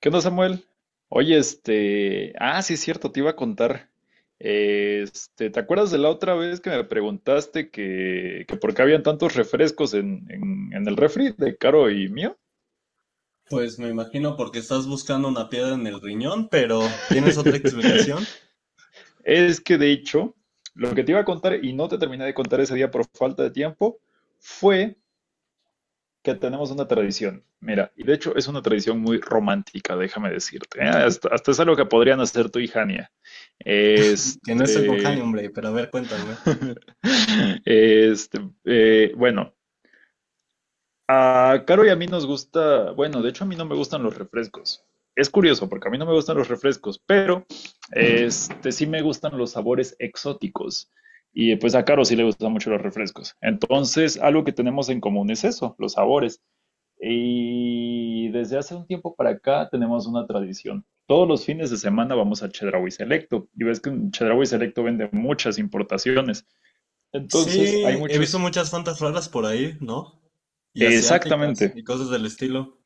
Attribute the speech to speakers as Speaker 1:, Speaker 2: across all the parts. Speaker 1: ¿Qué onda, Samuel? Oye, sí es cierto, te iba a contar. ¿Te acuerdas de la otra vez que me preguntaste que por qué habían tantos refrescos en el refri de Caro y mío?
Speaker 2: Pues me imagino porque estás buscando una piedra en el riñón, pero ¿tienes otra explicación?
Speaker 1: Es que de hecho, lo que te iba a contar y no te terminé de contar ese día por falta de tiempo fue que tenemos una tradición. Mira, y de hecho es una tradición muy romántica, déjame decirte. ¿Eh? Hasta es algo que podrían hacer tú y Jania.
Speaker 2: Que no estoy con Hani,
Speaker 1: Este.
Speaker 2: hombre, pero a ver, cuéntame.
Speaker 1: Este, bueno, a Caro y a mí nos gusta, bueno, de hecho a mí no me gustan los refrescos. Es curioso porque a mí no me gustan los refrescos, pero sí me gustan los sabores exóticos. Y pues a Caro sí le gustan mucho los refrescos. Entonces, algo que tenemos en común es eso, los sabores. Y desde hace un tiempo para acá tenemos una tradición. Todos los fines de semana vamos a Chedraui Selecto. Y ves que en Chedraui Selecto vende muchas importaciones. Entonces hay
Speaker 2: Sí, he visto
Speaker 1: muchos...
Speaker 2: muchas fantas raras por ahí, ¿no? Y asiáticas
Speaker 1: Exactamente.
Speaker 2: y cosas del estilo.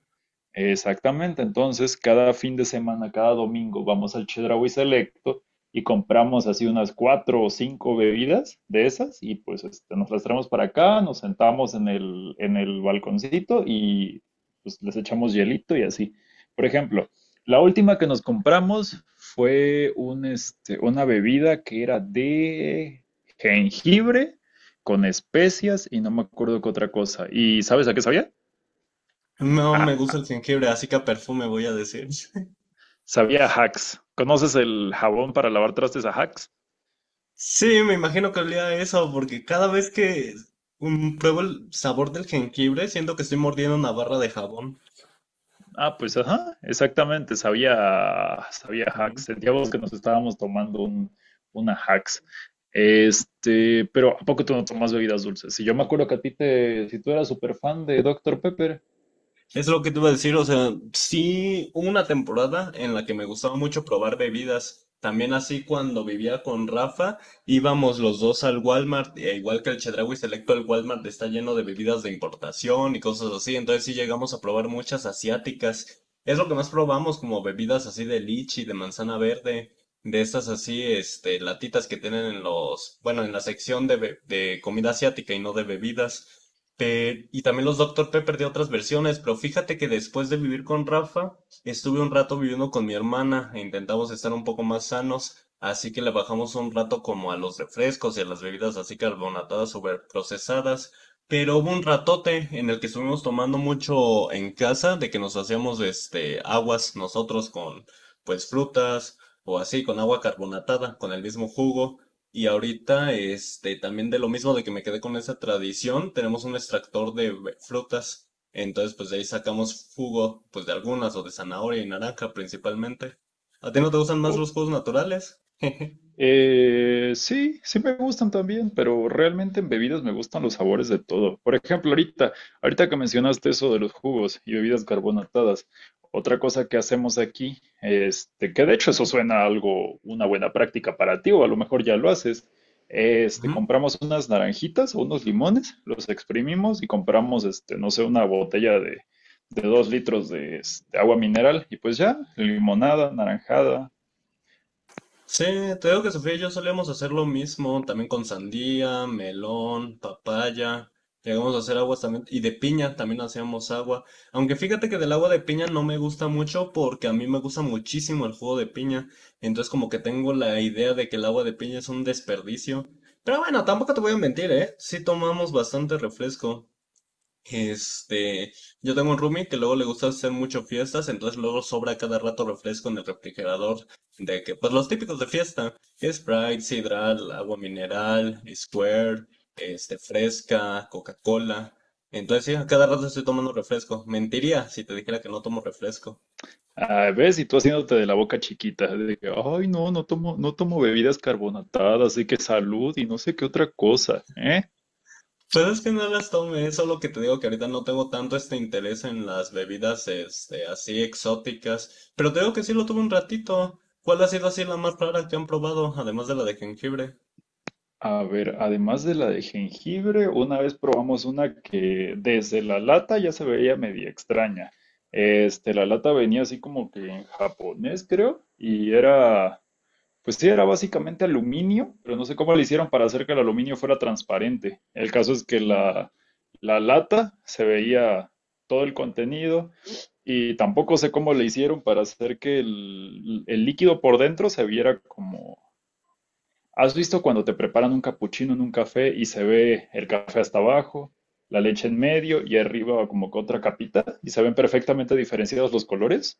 Speaker 1: Exactamente, entonces cada fin de semana, cada domingo, vamos al Chedraui Selecto y compramos así unas cuatro o cinco bebidas de esas y pues nos las traemos para acá, nos sentamos en el balconcito y pues les echamos hielito y así. Por ejemplo, la última que nos compramos fue una bebida que era de jengibre con especias y no me acuerdo qué otra cosa. ¿Y sabes a qué sabía?
Speaker 2: No me gusta el jengibre, así que a perfume voy a decir.
Speaker 1: Sabía a Hacks. ¿Conoces el jabón para lavar trastes a Hacks?
Speaker 2: Sí, me imagino que olía a eso, porque cada vez que pruebo el sabor del jengibre, siento que estoy mordiendo una barra de jabón.
Speaker 1: Ah, pues ajá, exactamente, sabía, sabía Hacks. Sentíamos que nos estábamos tomando una Hacks. Pero ¿a poco tú no tomas bebidas dulces? Si yo me acuerdo que a ti te, si tú eras súper fan de Doctor Pepper,
Speaker 2: Es lo que te iba a decir, o sea, sí hubo una temporada en la que me gustaba mucho probar bebidas. También así cuando vivía con Rafa, íbamos los dos al Walmart, e igual que el Chedraui Selecto, el Walmart está lleno de bebidas de importación y cosas así, entonces sí llegamos a probar muchas asiáticas. Es lo que más probamos, como bebidas así de lichi, de manzana verde, de estas así, latitas que tienen en los, bueno, en la sección de, de comida asiática y no de bebidas. Y también los Doctor Pepper de otras versiones, pero fíjate que después de vivir con Rafa, estuve un rato viviendo con mi hermana e intentamos estar un poco más sanos, así que le bajamos un rato como a los refrescos y a las bebidas así carbonatadas super procesadas, pero hubo un ratote en el que estuvimos tomando mucho en casa, de que nos hacíamos aguas nosotros con pues frutas o así con agua carbonatada, con el mismo jugo. Y ahorita, también de lo mismo de que me quedé con esa tradición, tenemos un extractor de frutas. Entonces, pues de ahí sacamos jugo, pues de algunas, o de zanahoria y naranja principalmente. ¿A ti no te gustan más
Speaker 1: o
Speaker 2: los jugos naturales?
Speaker 1: Sí, sí me gustan también, pero realmente en bebidas me gustan los sabores de todo. Por ejemplo, ahorita que mencionaste eso de los jugos y bebidas carbonatadas, otra cosa que hacemos aquí, que de hecho eso suena a algo, una buena práctica para ti, o a lo mejor ya lo haces,
Speaker 2: Ujú.
Speaker 1: compramos unas naranjitas o unos limones, los exprimimos y compramos, no sé, una botella de dos litros de agua mineral y pues ya, limonada, naranjada,
Speaker 2: Sí, te digo que Sofía y yo solíamos hacer lo mismo, también con sandía, melón, papaya, llegamos a hacer aguas también, y de piña también hacíamos agua, aunque fíjate que del agua de piña no me gusta mucho porque a mí me gusta muchísimo el jugo de piña, entonces como que tengo la idea de que el agua de piña es un desperdicio, pero bueno, tampoco te voy a mentir, ¿eh? Sí tomamos bastante refresco. Este, yo tengo un roomie que luego le gusta hacer mucho fiestas, entonces luego sobra cada rato refresco en el refrigerador, de que, pues los típicos de fiesta, Sprite, Sidral, agua mineral, Square, fresca, Coca-Cola. Entonces sí, a cada rato estoy tomando refresco. Mentiría si te dijera que no tomo refresco.
Speaker 1: ah, ves, y tú haciéndote de la boca chiquita, de que, ay, no, no tomo, no tomo bebidas carbonatadas, así que salud y no sé qué otra cosa, ¿eh?
Speaker 2: Pues es que no las tomé, es solo que te digo que ahorita no tengo tanto interés en las bebidas así exóticas, pero te digo que sí lo tuve un ratito. ¿Cuál ha sido así la más rara que han probado, además de la de jengibre?
Speaker 1: A ver, además de la de jengibre, una vez probamos una que desde la lata ya se veía media extraña. La lata venía así como que en japonés, creo, y era, pues sí, era básicamente aluminio, pero no sé cómo le hicieron para hacer que el aluminio fuera transparente. El caso es que la lata se veía todo el contenido. Y tampoco sé cómo le hicieron para hacer que el líquido por dentro se viera como... ¿Has visto cuando te preparan un capuchino en un café y se ve el café hasta abajo, la leche en medio y arriba como que otra capita y se ven perfectamente diferenciados los colores?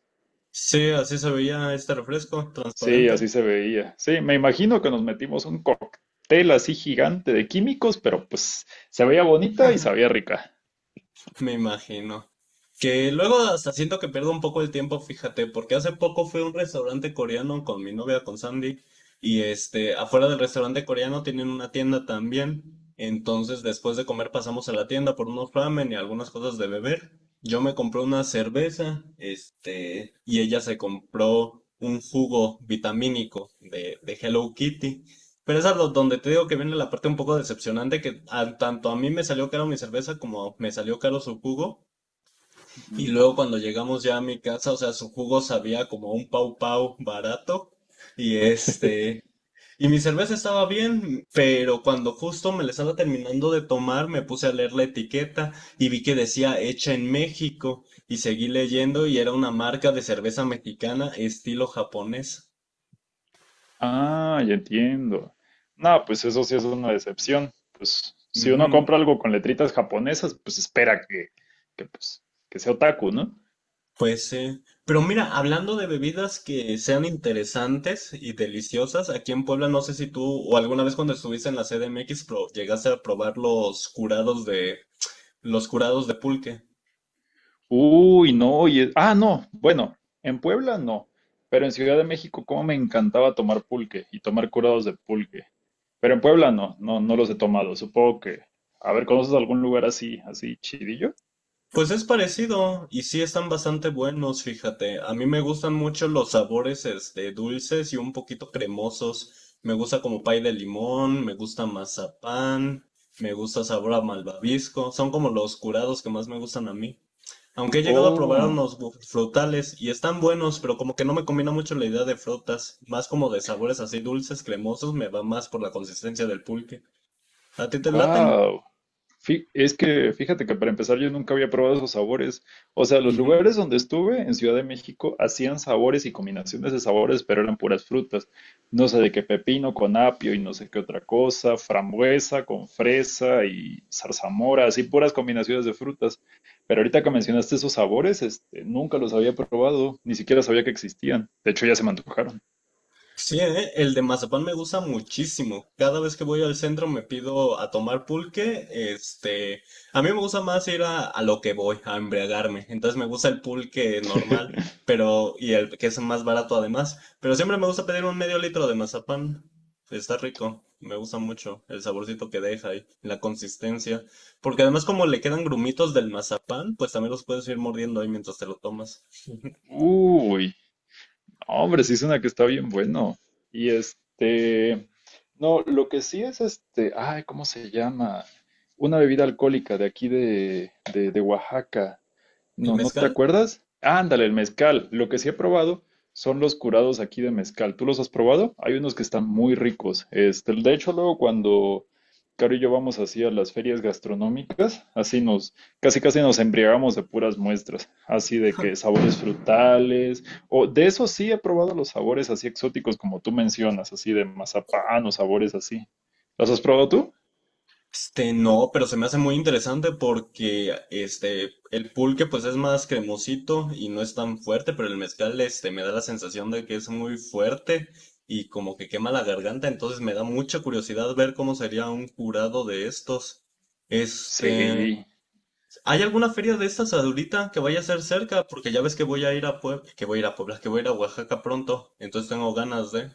Speaker 2: Sí, así se veía este refresco,
Speaker 1: Sí,
Speaker 2: transparente.
Speaker 1: así se veía. Sí, me imagino que nos metimos un cóctel así gigante de químicos, pero pues se veía bonita y sabía rica.
Speaker 2: Me imagino. Que luego hasta siento que pierdo un poco el tiempo, fíjate, porque hace poco fui a un restaurante coreano con mi novia, con Sandy, y afuera del restaurante coreano tienen una tienda también. Entonces, después de comer pasamos a la tienda por unos ramen y algunas cosas de beber. Yo me compré una cerveza, y ella se compró un jugo vitamínico de Hello Kitty. Pero es donde te digo que viene la parte un poco decepcionante, que tanto a mí me salió caro mi cerveza como me salió caro su jugo. Y luego cuando llegamos ya a mi casa, o sea, su jugo sabía como un pau pau barato. Y este, y mi cerveza estaba bien, pero cuando justo me la estaba terminando de tomar, me puse a leer la etiqueta y vi que decía hecha en México. Y seguí leyendo y era una marca de cerveza mexicana estilo japonés.
Speaker 1: Ah, ya entiendo. No, pues eso sí es una decepción. Pues si uno compra algo con letritas japonesas, pues espera que, pues, que sea otaku, ¿no?
Speaker 2: Pues sí. Pero mira, hablando de bebidas que sean interesantes y deliciosas, aquí en Puebla no sé si tú o alguna vez cuando estuviste en la CDMX llegaste a probar los curados de pulque.
Speaker 1: Uy, no, no, bueno, en Puebla no, pero en Ciudad de México, cómo me encantaba tomar pulque y tomar curados de pulque. Pero en Puebla no, no, no los he tomado. Supongo que, a ver, ¿conoces algún lugar así, así chidillo?
Speaker 2: Pues es parecido y sí están bastante buenos, fíjate. A mí me gustan mucho los sabores dulces y un poquito cremosos. Me gusta como pay de limón, me gusta mazapán, me gusta sabor a malvavisco. Son como los curados que más me gustan a mí. Aunque he llegado a probar
Speaker 1: Oh,
Speaker 2: unos frutales y están buenos, pero como que no me combina mucho la idea de frutas, más como de sabores así dulces, cremosos, me va más por la consistencia del pulque. ¿A ti te laten?
Speaker 1: wow. Es que fíjate que para empezar yo nunca había probado esos sabores. O sea, los lugares donde estuve en Ciudad de México hacían sabores y combinaciones de sabores, pero eran puras frutas. No sé de qué pepino con apio y no sé qué otra cosa, frambuesa con fresa y zarzamora, así puras combinaciones de frutas. Pero ahorita que mencionaste esos sabores, nunca los había probado, ni siquiera sabía que existían. De hecho, ya se me antojaron.
Speaker 2: Sí, ¿eh? El de mazapán me gusta muchísimo. Cada vez que voy al centro me pido a tomar pulque. A mí me gusta más ir a lo que voy, a embriagarme. Entonces me gusta el pulque normal, pero y el que es más barato además. Pero siempre me gusta pedir un medio litro de mazapán. Está rico, me gusta mucho el saborcito que deja y la consistencia. Porque además como le quedan grumitos del mazapán, pues también los puedes ir mordiendo ahí mientras te lo tomas.
Speaker 1: Uy, no, hombre, sí es una que está bien bueno. Y este, no, lo que sí es ay, ¿cómo se llama? Una bebida alcohólica de aquí de Oaxaca.
Speaker 2: ¿El
Speaker 1: No, ¿no te
Speaker 2: mezcal?
Speaker 1: acuerdas? Ándale, el mezcal. Lo que sí he probado son los curados aquí de mezcal. ¿Tú los has probado? Hay unos que están muy ricos. De hecho, luego cuando Caro y yo vamos así a las ferias gastronómicas, así nos, casi casi nos embriagamos de puras muestras, así de que sabores frutales, o de eso sí he probado los sabores así exóticos como tú mencionas, así de mazapán o sabores así. ¿Los has probado tú?
Speaker 2: No, pero se me hace muy interesante porque el pulque pues es más cremosito y no es tan fuerte, pero el mezcal me da la sensación de que es muy fuerte y como que quema la garganta, entonces me da mucha curiosidad ver cómo sería un curado de estos. Este,
Speaker 1: Sí.
Speaker 2: ¿Hay alguna feria de estas ahorita que vaya a ser cerca? Porque ya ves que voy a ir a Puebla, que voy a ir a Oaxaca pronto, entonces tengo ganas de.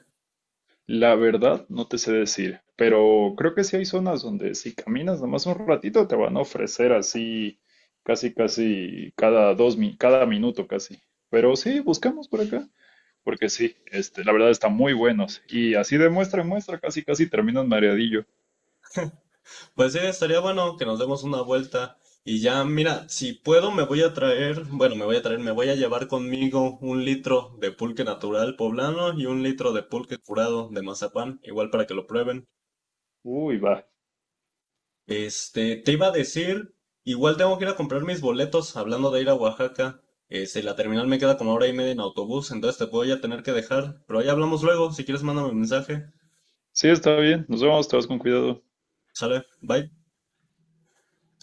Speaker 1: La verdad, no te sé decir, pero creo que sí hay zonas donde si caminas nomás un ratito te van a ofrecer así casi casi cada cada minuto casi. Pero sí, buscamos por acá, porque sí, la verdad están muy buenos y así de muestra en muestra casi casi terminas mareadillo.
Speaker 2: Pues sí, estaría bueno que nos demos una vuelta y ya, mira, si puedo me voy a traer, me voy a llevar conmigo un litro de pulque natural poblano y un litro de pulque curado de mazapán, igual para que lo prueben.
Speaker 1: Uy, va.
Speaker 2: Te iba a decir, igual tengo que ir a comprar mis boletos, hablando de ir a Oaxaca, la terminal me queda como hora y media en autobús, entonces te voy a tener que dejar, pero ahí hablamos luego, si quieres mándame un mensaje,
Speaker 1: Sí, está bien. Nos vemos, te vas con cuidado.
Speaker 2: sale, bye.